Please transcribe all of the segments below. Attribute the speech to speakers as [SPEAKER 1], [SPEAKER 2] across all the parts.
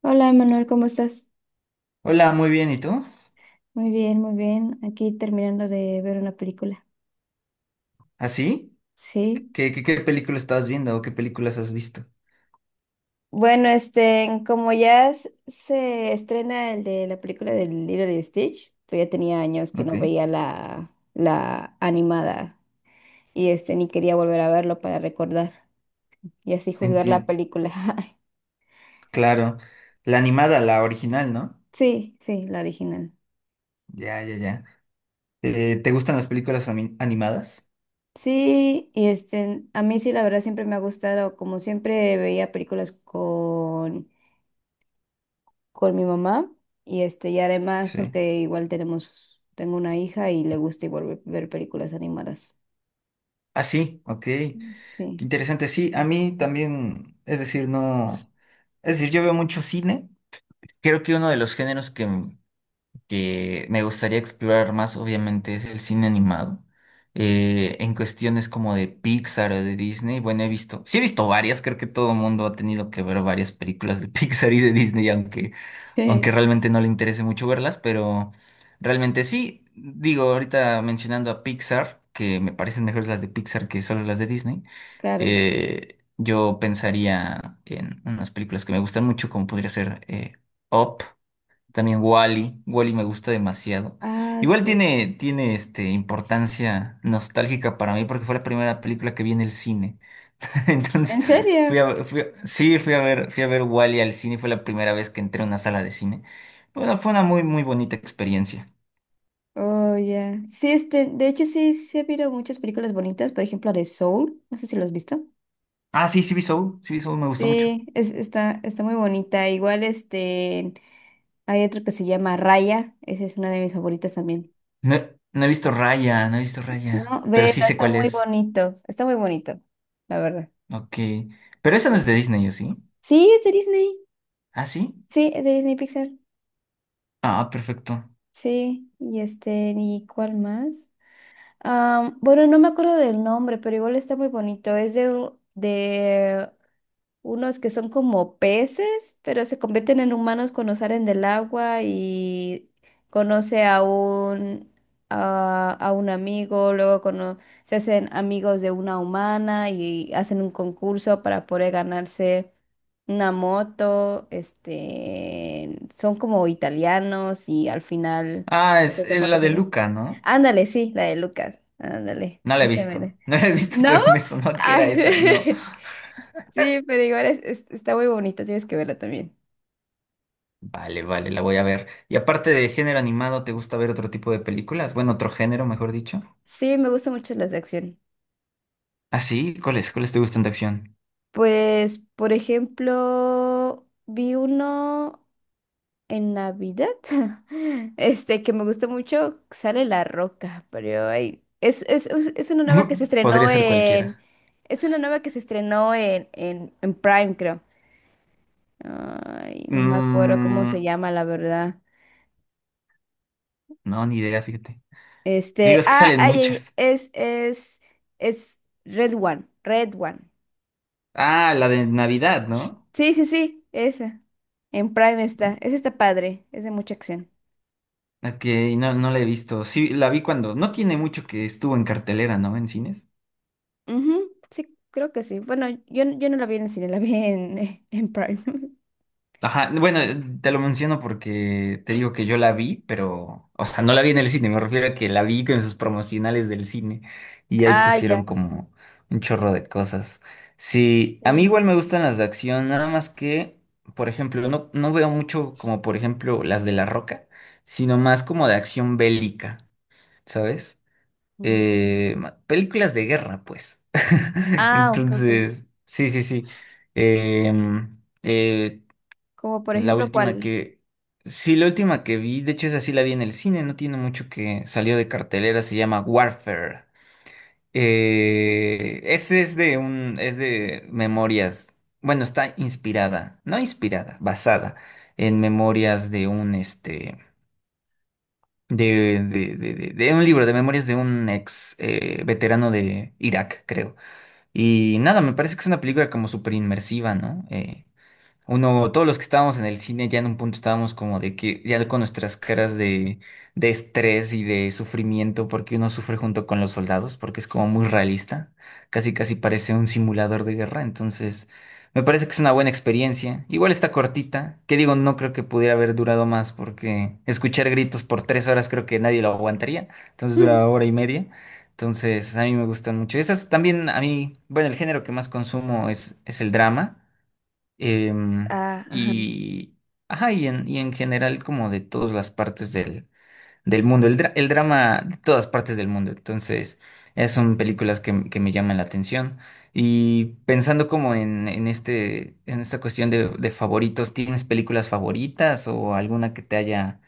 [SPEAKER 1] Hola, Manuel, ¿cómo estás?
[SPEAKER 2] Hola, muy bien, ¿y tú?
[SPEAKER 1] Muy bien, muy bien. Aquí terminando de ver una película.
[SPEAKER 2] ¿Así?
[SPEAKER 1] Sí.
[SPEAKER 2] ¿Qué película estabas viendo o qué películas has visto?
[SPEAKER 1] Como ya se estrena el de la película del Lilo y Stitch, pues ya tenía años que
[SPEAKER 2] Ok,
[SPEAKER 1] no veía la animada y ni quería volver a verlo para recordar y así juzgar la
[SPEAKER 2] entiendo.
[SPEAKER 1] película.
[SPEAKER 2] Claro, la animada, la original, ¿no?
[SPEAKER 1] Sí, sí, la original.
[SPEAKER 2] Ya, ya, ya. ¿Te gustan las películas animadas?
[SPEAKER 1] Sí, y a mí sí, la verdad siempre me ha gustado, como siempre veía películas con mi mamá y y además
[SPEAKER 2] Sí.
[SPEAKER 1] porque igual tenemos tengo una hija y le gusta igual ver películas animadas.
[SPEAKER 2] Ah, sí, ok. Qué
[SPEAKER 1] Sí.
[SPEAKER 2] interesante. Sí, a mí también, es decir, no. Es decir, yo veo mucho cine. Creo que uno de los géneros que me gustaría explorar más, obviamente, es el cine animado. En cuestiones como de Pixar o de Disney, bueno, he visto, sí he visto varias, creo que todo el mundo ha tenido que ver varias películas de Pixar y de Disney, aunque realmente no le interese mucho verlas, pero realmente sí, digo, ahorita mencionando a Pixar, que me parecen mejores las de Pixar que solo las de Disney,
[SPEAKER 1] Claro.
[SPEAKER 2] yo pensaría en unas películas que me gustan mucho, como podría ser Up. También Wally. Wally me gusta demasiado.
[SPEAKER 1] Ah,
[SPEAKER 2] Igual
[SPEAKER 1] sí.
[SPEAKER 2] tiene importancia nostálgica para mí porque fue la primera película que vi en el cine. Entonces,
[SPEAKER 1] ¿En serio?
[SPEAKER 2] sí, fui a ver Wally al cine. Fue la primera vez que entré a una sala de cine. Bueno, fue una muy, muy bonita experiencia.
[SPEAKER 1] Oh, ya. Sí, este, de hecho sí ha habido muchas películas bonitas, por ejemplo, la de Soul, no sé si lo has visto.
[SPEAKER 2] Ah, sí, sí vi Soul. Sí vi Soul, me gustó mucho.
[SPEAKER 1] Sí, es, está muy bonita. Igual este hay otro que se llama Raya, esa es una de mis favoritas también.
[SPEAKER 2] No, he no he visto Raya, no he visto Raya.
[SPEAKER 1] No,
[SPEAKER 2] Pero sí
[SPEAKER 1] vela,
[SPEAKER 2] sé
[SPEAKER 1] está
[SPEAKER 2] cuál
[SPEAKER 1] muy
[SPEAKER 2] es.
[SPEAKER 1] bonito, la verdad.
[SPEAKER 2] Ok. Pero esa no
[SPEAKER 1] Sí.
[SPEAKER 2] es de Disney, ¿o sí?
[SPEAKER 1] Sí, es de Disney.
[SPEAKER 2] ¿Ah, sí?
[SPEAKER 1] Sí, es de Disney Pixar.
[SPEAKER 2] Ah, perfecto.
[SPEAKER 1] Sí, y este, ¿y cuál más? Am, bueno, no me acuerdo del nombre, pero igual está muy bonito. Es de unos que son como peces, pero se convierten en humanos cuando salen del agua y conoce a a un amigo, luego se hacen amigos de una humana y hacen un concurso para poder ganarse una moto, este, son como italianos y al final,
[SPEAKER 2] Ah, es
[SPEAKER 1] pues se
[SPEAKER 2] la
[SPEAKER 1] buenos
[SPEAKER 2] de
[SPEAKER 1] amigos.
[SPEAKER 2] Luca, ¿no?
[SPEAKER 1] Ándale, sí, la de Lucas, ándale,
[SPEAKER 2] No la he
[SPEAKER 1] ese
[SPEAKER 2] visto,
[SPEAKER 1] mero.
[SPEAKER 2] no la he visto,
[SPEAKER 1] ¿No?
[SPEAKER 2] pero me sonó que era esa, no.
[SPEAKER 1] Ay. Sí, pero igual está muy bonita, tienes que verla también.
[SPEAKER 2] Vale, vale, la voy a ver. Y aparte de género animado, ¿te gusta ver otro tipo de películas? Bueno, otro género, mejor dicho.
[SPEAKER 1] Sí, me gustan mucho las de acción.
[SPEAKER 2] Ah, sí, ¿cuáles? ¿Cuáles te gustan de acción?
[SPEAKER 1] Pues, por ejemplo, vi uno en Navidad, este, que me gustó mucho, sale La Roca, pero ay, es una nueva que se
[SPEAKER 2] Podría
[SPEAKER 1] estrenó
[SPEAKER 2] ser cualquiera.
[SPEAKER 1] es una nueva que se estrenó en Prime, creo. Ay, no me acuerdo cómo se
[SPEAKER 2] Mm,
[SPEAKER 1] llama, la verdad.
[SPEAKER 2] no, ni idea, fíjate. Digo,
[SPEAKER 1] Este,
[SPEAKER 2] es que
[SPEAKER 1] ah,
[SPEAKER 2] salen
[SPEAKER 1] ay, ay,
[SPEAKER 2] muchas.
[SPEAKER 1] es Red One, Red One.
[SPEAKER 2] Ah, la de Navidad, ¿no?
[SPEAKER 1] Sí, sí, sí, esa. En Prime está. Esa está padre, es de mucha acción.
[SPEAKER 2] Ok, no, no la he visto. Sí, la vi cuando. No tiene mucho que estuvo en cartelera, ¿no? En cines.
[SPEAKER 1] Ujú. Sí, creo que sí. Bueno, yo no la vi en el cine, la vi en, en Prime.
[SPEAKER 2] Ajá, bueno, te lo menciono porque te digo que yo la vi, pero, o sea, no la vi en el cine, me refiero a que la vi con sus promocionales del cine y ahí
[SPEAKER 1] Ah, ya.
[SPEAKER 2] pusieron como un chorro de cosas. Sí, a mí
[SPEAKER 1] Sí.
[SPEAKER 2] igual me gustan las de acción, nada más que, por ejemplo, no, no veo mucho como, por ejemplo, las de La Roca, sino más como de acción bélica, ¿sabes?
[SPEAKER 1] Mm.
[SPEAKER 2] Películas de guerra, pues.
[SPEAKER 1] Ah, ok, ok.
[SPEAKER 2] Entonces, sí, sí, sí. Em, Eh,
[SPEAKER 1] Como por
[SPEAKER 2] la
[SPEAKER 1] ejemplo,
[SPEAKER 2] última
[SPEAKER 1] ¿cuál?
[SPEAKER 2] que... Sí, la última que vi, de hecho esa sí la vi en el cine, no tiene mucho que salió de cartelera, se llama Warfare. Ese es es de memorias, bueno, está inspirada, no inspirada, basada en memorias de un, de un libro, de memorias de un ex veterano de Irak, creo. Y nada, me parece que es una película como súper inmersiva, ¿no? Uno, todos los que estábamos en el cine ya en un punto estábamos como de que ya con nuestras caras de, estrés y de sufrimiento porque uno sufre junto con los soldados porque es como muy realista, casi casi parece un simulador de guerra, entonces me parece que es una buena experiencia. Igual está cortita, que digo, no creo que pudiera haber durado más porque escuchar gritos por 3 horas creo que nadie lo aguantaría, entonces
[SPEAKER 1] Hmm.
[SPEAKER 2] dura hora y media. Entonces, a mí me gustan mucho. Esas también, a mí, bueno, el género que más consumo es el drama.
[SPEAKER 1] Ah, ajá.
[SPEAKER 2] Y, ajá, y y en general como de todas las partes del mundo, el drama de todas partes del mundo. Entonces, esas son películas que me llaman la atención. Y pensando como en en esta cuestión de favoritos, ¿tienes películas favoritas o alguna que te haya,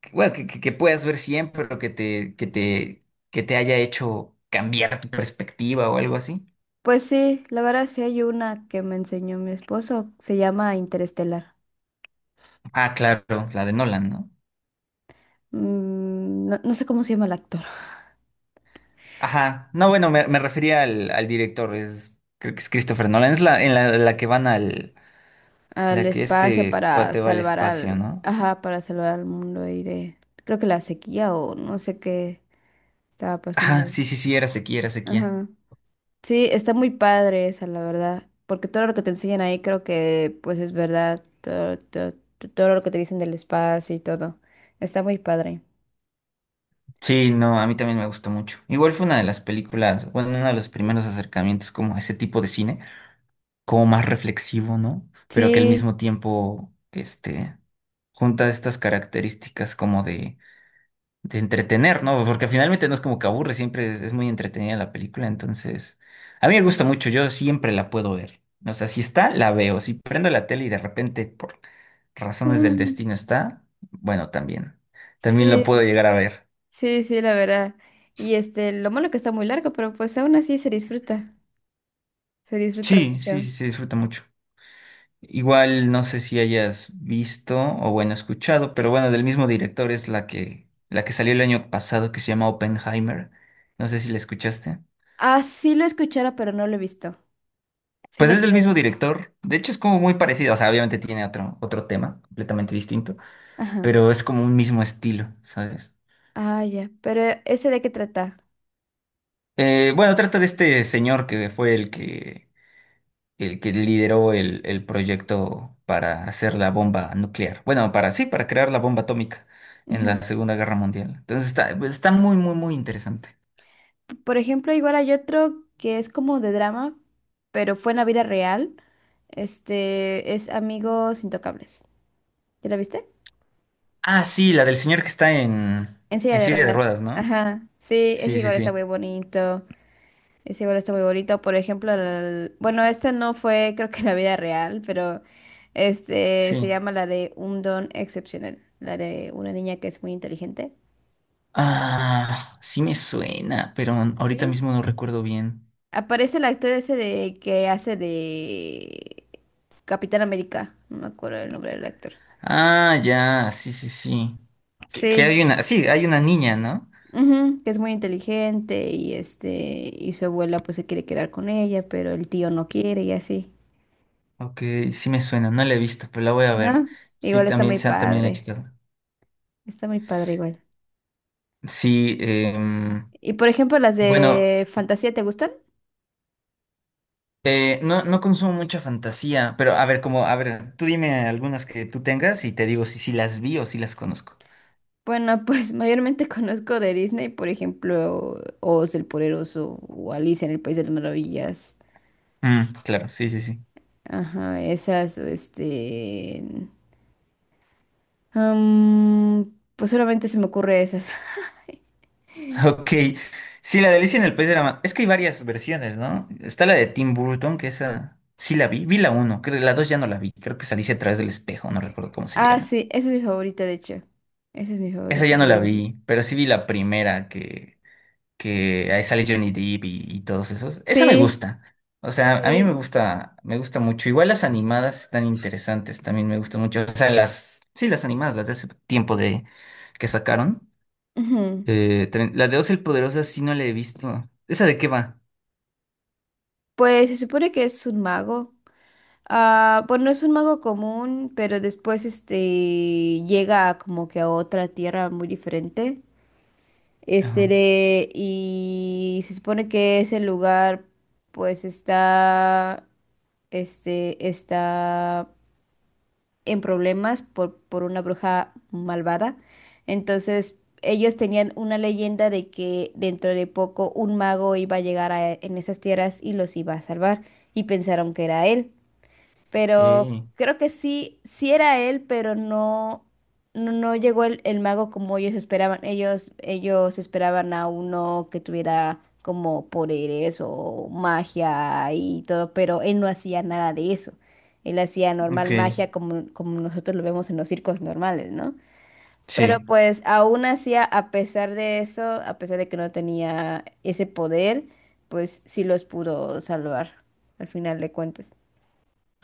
[SPEAKER 2] que, bueno, que puedas ver siempre, pero que te haya hecho cambiar tu perspectiva o algo así?
[SPEAKER 1] Pues sí, la verdad sí hay una que me enseñó mi esposo, se llama Interestelar.
[SPEAKER 2] Ah, claro, la de Nolan, ¿no?
[SPEAKER 1] Mm, no, no sé cómo se llama el actor.
[SPEAKER 2] Ajá, no, bueno, me refería al director, es, creo que es Christopher Nolan, es la que van al,
[SPEAKER 1] Al
[SPEAKER 2] la que
[SPEAKER 1] espacio
[SPEAKER 2] este
[SPEAKER 1] para
[SPEAKER 2] cuate va al
[SPEAKER 1] salvar
[SPEAKER 2] espacio,
[SPEAKER 1] al,
[SPEAKER 2] ¿no?
[SPEAKER 1] ajá, para salvar al mundo y de, creo que la sequía o no sé qué estaba pasando
[SPEAKER 2] Ajá,
[SPEAKER 1] ahí.
[SPEAKER 2] sí, sí, sí, era sequía, era sequía.
[SPEAKER 1] Ajá. Sí, está muy padre esa, la verdad, porque todo lo que te enseñan ahí creo que pues es verdad, todo lo que te dicen del espacio y todo. Está muy padre.
[SPEAKER 2] Sí, no, a mí también me gustó mucho. Igual fue una de las películas, bueno, uno de los primeros acercamientos como a ese tipo de cine, como más reflexivo, ¿no? Pero que al
[SPEAKER 1] Sí.
[SPEAKER 2] mismo tiempo, junta estas características como de entretener, ¿no? Porque finalmente no es como que aburre, siempre es muy entretenida la película, entonces a mí me gusta mucho, yo siempre la puedo ver. O sea, si está, la veo. Si prendo la tele y de repente por razones del
[SPEAKER 1] Mm.
[SPEAKER 2] destino está, bueno, también. También la
[SPEAKER 1] sí,
[SPEAKER 2] puedo llegar a ver.
[SPEAKER 1] sí, la verdad. Y este, lo malo que está muy largo, pero pues aún así se disfruta
[SPEAKER 2] Sí, sí,
[SPEAKER 1] mucho.
[SPEAKER 2] sí, se disfruta mucho. Igual no sé si hayas visto o bueno, escuchado, pero bueno, del mismo director es la que salió el año pasado que se llama Oppenheimer. No sé si la escuchaste.
[SPEAKER 1] Ah, sí lo escuchara, pero no lo he visto. Sí
[SPEAKER 2] Pues
[SPEAKER 1] la
[SPEAKER 2] es del
[SPEAKER 1] quiero
[SPEAKER 2] mismo
[SPEAKER 1] ver.
[SPEAKER 2] director. De hecho, es como muy parecido. O sea, obviamente tiene otro tema completamente distinto,
[SPEAKER 1] Ajá.
[SPEAKER 2] pero es como un mismo estilo, ¿sabes?
[SPEAKER 1] Ah, ya. Pero ese de qué trata.
[SPEAKER 2] Bueno, trata de este señor que fue el que lideró el proyecto para hacer la bomba nuclear. Bueno, para sí, para crear la bomba atómica en la
[SPEAKER 1] Ujú.
[SPEAKER 2] Segunda Guerra Mundial. Entonces está muy, muy, muy interesante.
[SPEAKER 1] Por ejemplo, igual hay otro que es como de drama, pero fue en la vida real. Este es Amigos Intocables. ¿Ya la viste?
[SPEAKER 2] Ah, sí, la del señor que está
[SPEAKER 1] En silla
[SPEAKER 2] en
[SPEAKER 1] de
[SPEAKER 2] silla de
[SPEAKER 1] ruedas.
[SPEAKER 2] ruedas, ¿no?
[SPEAKER 1] Ajá. Sí, ese
[SPEAKER 2] Sí, sí,
[SPEAKER 1] igual está
[SPEAKER 2] sí.
[SPEAKER 1] muy bonito. Ese igual está muy bonito. Por ejemplo, bueno, esta no fue, creo que en la vida real, pero este se
[SPEAKER 2] Sí.
[SPEAKER 1] llama la de un don excepcional. La de una niña que es muy inteligente.
[SPEAKER 2] Ah, sí me suena, pero ahorita
[SPEAKER 1] Sí.
[SPEAKER 2] mismo no recuerdo bien.
[SPEAKER 1] Aparece el actor ese de que hace de Capitán América. No me acuerdo el nombre del actor.
[SPEAKER 2] Ah, ya, sí, sí, sí. Que
[SPEAKER 1] Sí.
[SPEAKER 2] hay una, sí, hay una niña, ¿no?
[SPEAKER 1] Ujú, que es muy inteligente y este y su abuela pues se quiere quedar con ella, pero el tío no quiere y así.
[SPEAKER 2] Ok, sí me suena, no la he visto, pero la voy a ver.
[SPEAKER 1] ¿No? Igual está muy
[SPEAKER 2] Sí, también la he
[SPEAKER 1] padre.
[SPEAKER 2] checado.
[SPEAKER 1] Está muy padre igual.
[SPEAKER 2] Sí,
[SPEAKER 1] Y por ejemplo, las
[SPEAKER 2] bueno,
[SPEAKER 1] de fantasía, ¿te gustan?
[SPEAKER 2] no, no consumo mucha fantasía, pero a ver, como, a ver, tú dime algunas que tú tengas y te digo si las vi o si las conozco.
[SPEAKER 1] Bueno, pues mayormente conozco de Disney, por ejemplo, Oz el Poderoso o Alicia en el País de las Maravillas.
[SPEAKER 2] Mm, claro, sí, sí, sí.
[SPEAKER 1] Ajá, esas, o este, am, pues solamente se me ocurre esas.
[SPEAKER 2] Ok, sí, la de Alicia en el País de la Ma- Es que hay varias versiones, ¿no? Está la de Tim Burton, que esa sí la vi, vi la uno, creo la dos ya no la vi, creo que es Alicia a través del espejo, no recuerdo cómo se
[SPEAKER 1] Ah,
[SPEAKER 2] llama.
[SPEAKER 1] sí, esa es mi favorita, de hecho. Esa es mi
[SPEAKER 2] Esa
[SPEAKER 1] favorita
[SPEAKER 2] ya no la
[SPEAKER 1] de Disney.
[SPEAKER 2] vi, pero sí vi la primera que ahí sale Johnny Depp y todos esos. Esa me
[SPEAKER 1] Sí,
[SPEAKER 2] gusta, o sea, a mí
[SPEAKER 1] sí.
[SPEAKER 2] me gusta mucho. Igual las animadas están interesantes, también me gustan mucho. O sea, las, sí, las animadas, las de hace tiempo de que sacaron.
[SPEAKER 1] Ujú.
[SPEAKER 2] La de Oz el Poderoso sí no la he visto. ¿Esa de qué va?
[SPEAKER 1] Pues se supone que es un mago. Ah, bueno, es un mago común, pero después este llega como que a otra tierra muy diferente.
[SPEAKER 2] Ajá.
[SPEAKER 1] Y se supone que ese lugar pues está está en problemas por una bruja malvada. Entonces, ellos tenían una leyenda de que dentro de poco un mago iba a llegar en esas tierras y los iba a salvar, y pensaron que era él. Pero
[SPEAKER 2] Ok,
[SPEAKER 1] creo que sí, sí era él, pero no llegó el mago como ellos esperaban. Ellos esperaban a uno que tuviera como poderes o magia y todo, pero él no hacía nada de eso. Él hacía
[SPEAKER 2] ok,
[SPEAKER 1] normal magia como, como nosotros lo vemos en los circos normales, ¿no? Pero
[SPEAKER 2] sí.
[SPEAKER 1] pues aún así, a pesar de eso, a pesar de que no tenía ese poder, pues sí los pudo salvar al final de cuentas.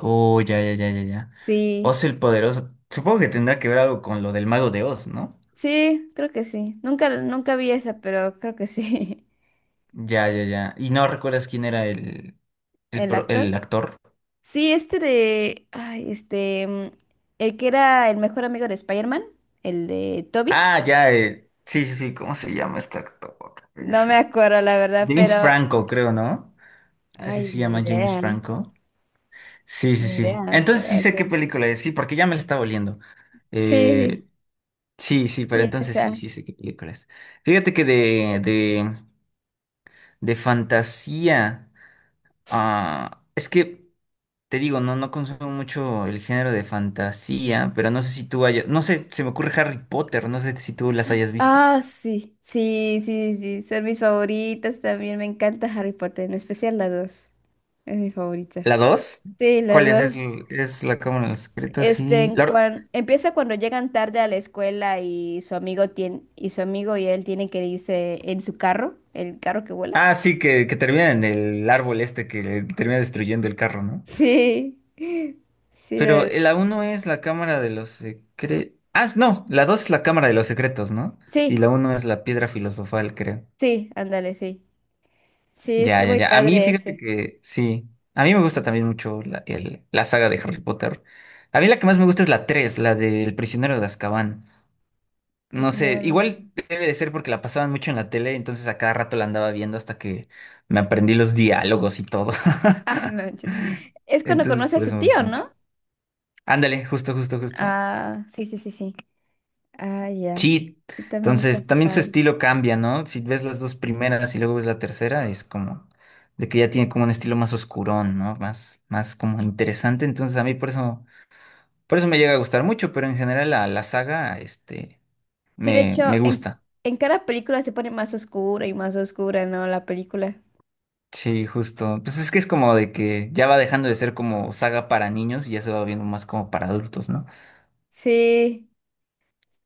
[SPEAKER 2] Oh, ya, ya, ya, ya, ya.
[SPEAKER 1] Sí.
[SPEAKER 2] Oz el Poderoso. Supongo que tendrá que ver algo con lo del Mago de Oz, ¿no?
[SPEAKER 1] Sí, creo que sí. Nunca vi esa, pero creo que sí.
[SPEAKER 2] Ya, ya, ya. ¿Y no recuerdas quién era
[SPEAKER 1] El actor.
[SPEAKER 2] el actor?
[SPEAKER 1] Sí, este de. Ay, este. Mm, el que era el mejor amigo de Spider-Man, el de Toby.
[SPEAKER 2] Ah, ya, sí, sí, sí, ¿cómo se llama este actor?
[SPEAKER 1] No
[SPEAKER 2] Es
[SPEAKER 1] me
[SPEAKER 2] este-
[SPEAKER 1] acuerdo, la verdad,
[SPEAKER 2] James
[SPEAKER 1] pero.
[SPEAKER 2] Franco, creo, ¿no? Así
[SPEAKER 1] Ay,
[SPEAKER 2] se
[SPEAKER 1] ni
[SPEAKER 2] llama James
[SPEAKER 1] idea.
[SPEAKER 2] Franco. Sí, sí,
[SPEAKER 1] Ni
[SPEAKER 2] sí.
[SPEAKER 1] idea,
[SPEAKER 2] Entonces sí
[SPEAKER 1] pero
[SPEAKER 2] sé
[SPEAKER 1] sí.
[SPEAKER 2] qué película es, sí, porque ya me la está oliendo.
[SPEAKER 1] Sí,
[SPEAKER 2] Eh, sí, sí, pero
[SPEAKER 1] sí,
[SPEAKER 2] entonces
[SPEAKER 1] esa.
[SPEAKER 2] sí, sí sé qué película es. Fíjate que de fantasía. Ah, es que te digo, no, no consumo mucho el género de fantasía, pero no sé si tú hayas. No sé, se me ocurre Harry Potter, no sé si tú las hayas visto.
[SPEAKER 1] Ah, sí. Sí, sí, sí. Son mis favoritas también. Me encanta Harry Potter, en especial la dos. Es mi favorita.
[SPEAKER 2] ¿La dos?
[SPEAKER 1] Sí, la
[SPEAKER 2] ¿Cuál es? ¿Es,
[SPEAKER 1] dos.
[SPEAKER 2] es la Cámara de los Secretos?
[SPEAKER 1] Este,
[SPEAKER 2] Sí.
[SPEAKER 1] empieza cuando llegan tarde a la escuela y su amigo tiene, y su amigo y él tienen que irse en su carro, el carro que vuela.
[SPEAKER 2] Ah, sí, que termina en el árbol este que le termina destruyendo el carro, ¿no?
[SPEAKER 1] Sí, sí,
[SPEAKER 2] Pero la uno es la Cámara de los Secretos. Ah, no, la 2 es la Cámara de los Secretos, ¿no?
[SPEAKER 1] sí,
[SPEAKER 2] Y la uno es la Piedra Filosofal, creo.
[SPEAKER 1] sí, ándale, sí. Sí,
[SPEAKER 2] Ya,
[SPEAKER 1] está
[SPEAKER 2] ya,
[SPEAKER 1] muy
[SPEAKER 2] ya. A mí,
[SPEAKER 1] padre
[SPEAKER 2] fíjate
[SPEAKER 1] ese.
[SPEAKER 2] que sí. A mí me gusta también mucho la saga de Harry Potter. A mí la que más me gusta es la 3, la del prisionero de Azkaban. No sé,
[SPEAKER 1] Prisionero.
[SPEAKER 2] igual debe de ser porque la pasaban mucho en la tele, entonces a cada rato la andaba viendo hasta que me aprendí los diálogos y todo.
[SPEAKER 1] Ah, no, yo- es cuando
[SPEAKER 2] Entonces,
[SPEAKER 1] conoce a
[SPEAKER 2] por
[SPEAKER 1] su
[SPEAKER 2] eso me
[SPEAKER 1] tío,
[SPEAKER 2] gustó mucho.
[SPEAKER 1] ¿no?
[SPEAKER 2] Ándale, justo, justo, justo.
[SPEAKER 1] Ah, sí, sí, sí, sí. Ah, ya.
[SPEAKER 2] Sí,
[SPEAKER 1] Sí, también está
[SPEAKER 2] entonces también su
[SPEAKER 1] padre.
[SPEAKER 2] estilo cambia, ¿no? Si ves las dos primeras y luego ves la tercera, es como de que ya tiene como un estilo más oscurón, ¿no? Más, más como interesante. Entonces a mí por eso me llega a gustar mucho, pero en general la saga,
[SPEAKER 1] Sí, de hecho,
[SPEAKER 2] me gusta.
[SPEAKER 1] en cada película se pone más oscura y más oscura, ¿no? La película.
[SPEAKER 2] Sí, justo. Pues es que es como de que ya va dejando de ser como saga para niños y ya se va viendo más como para adultos, ¿no?
[SPEAKER 1] Sí.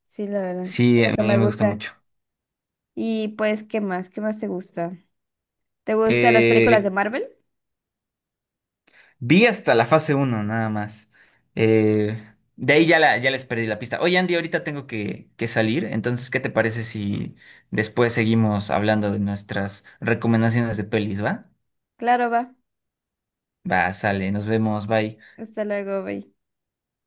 [SPEAKER 1] Sí, la verdad.
[SPEAKER 2] Sí,
[SPEAKER 1] Es lo
[SPEAKER 2] a
[SPEAKER 1] que me
[SPEAKER 2] mí me gusta
[SPEAKER 1] gusta.
[SPEAKER 2] mucho.
[SPEAKER 1] Y pues, ¿qué más? ¿Qué más te gusta? ¿Te gustan las películas de
[SPEAKER 2] Eh,
[SPEAKER 1] Marvel?
[SPEAKER 2] Vi hasta la fase uno nada más. Eh, de ahí ya, ya les perdí la pista. Oye, Andy, ahorita tengo que salir, entonces, ¿qué te parece si después seguimos hablando de nuestras recomendaciones de pelis, va?
[SPEAKER 1] Claro, va.
[SPEAKER 2] Va, sale, nos vemos, bye.
[SPEAKER 1] Hasta luego, bye.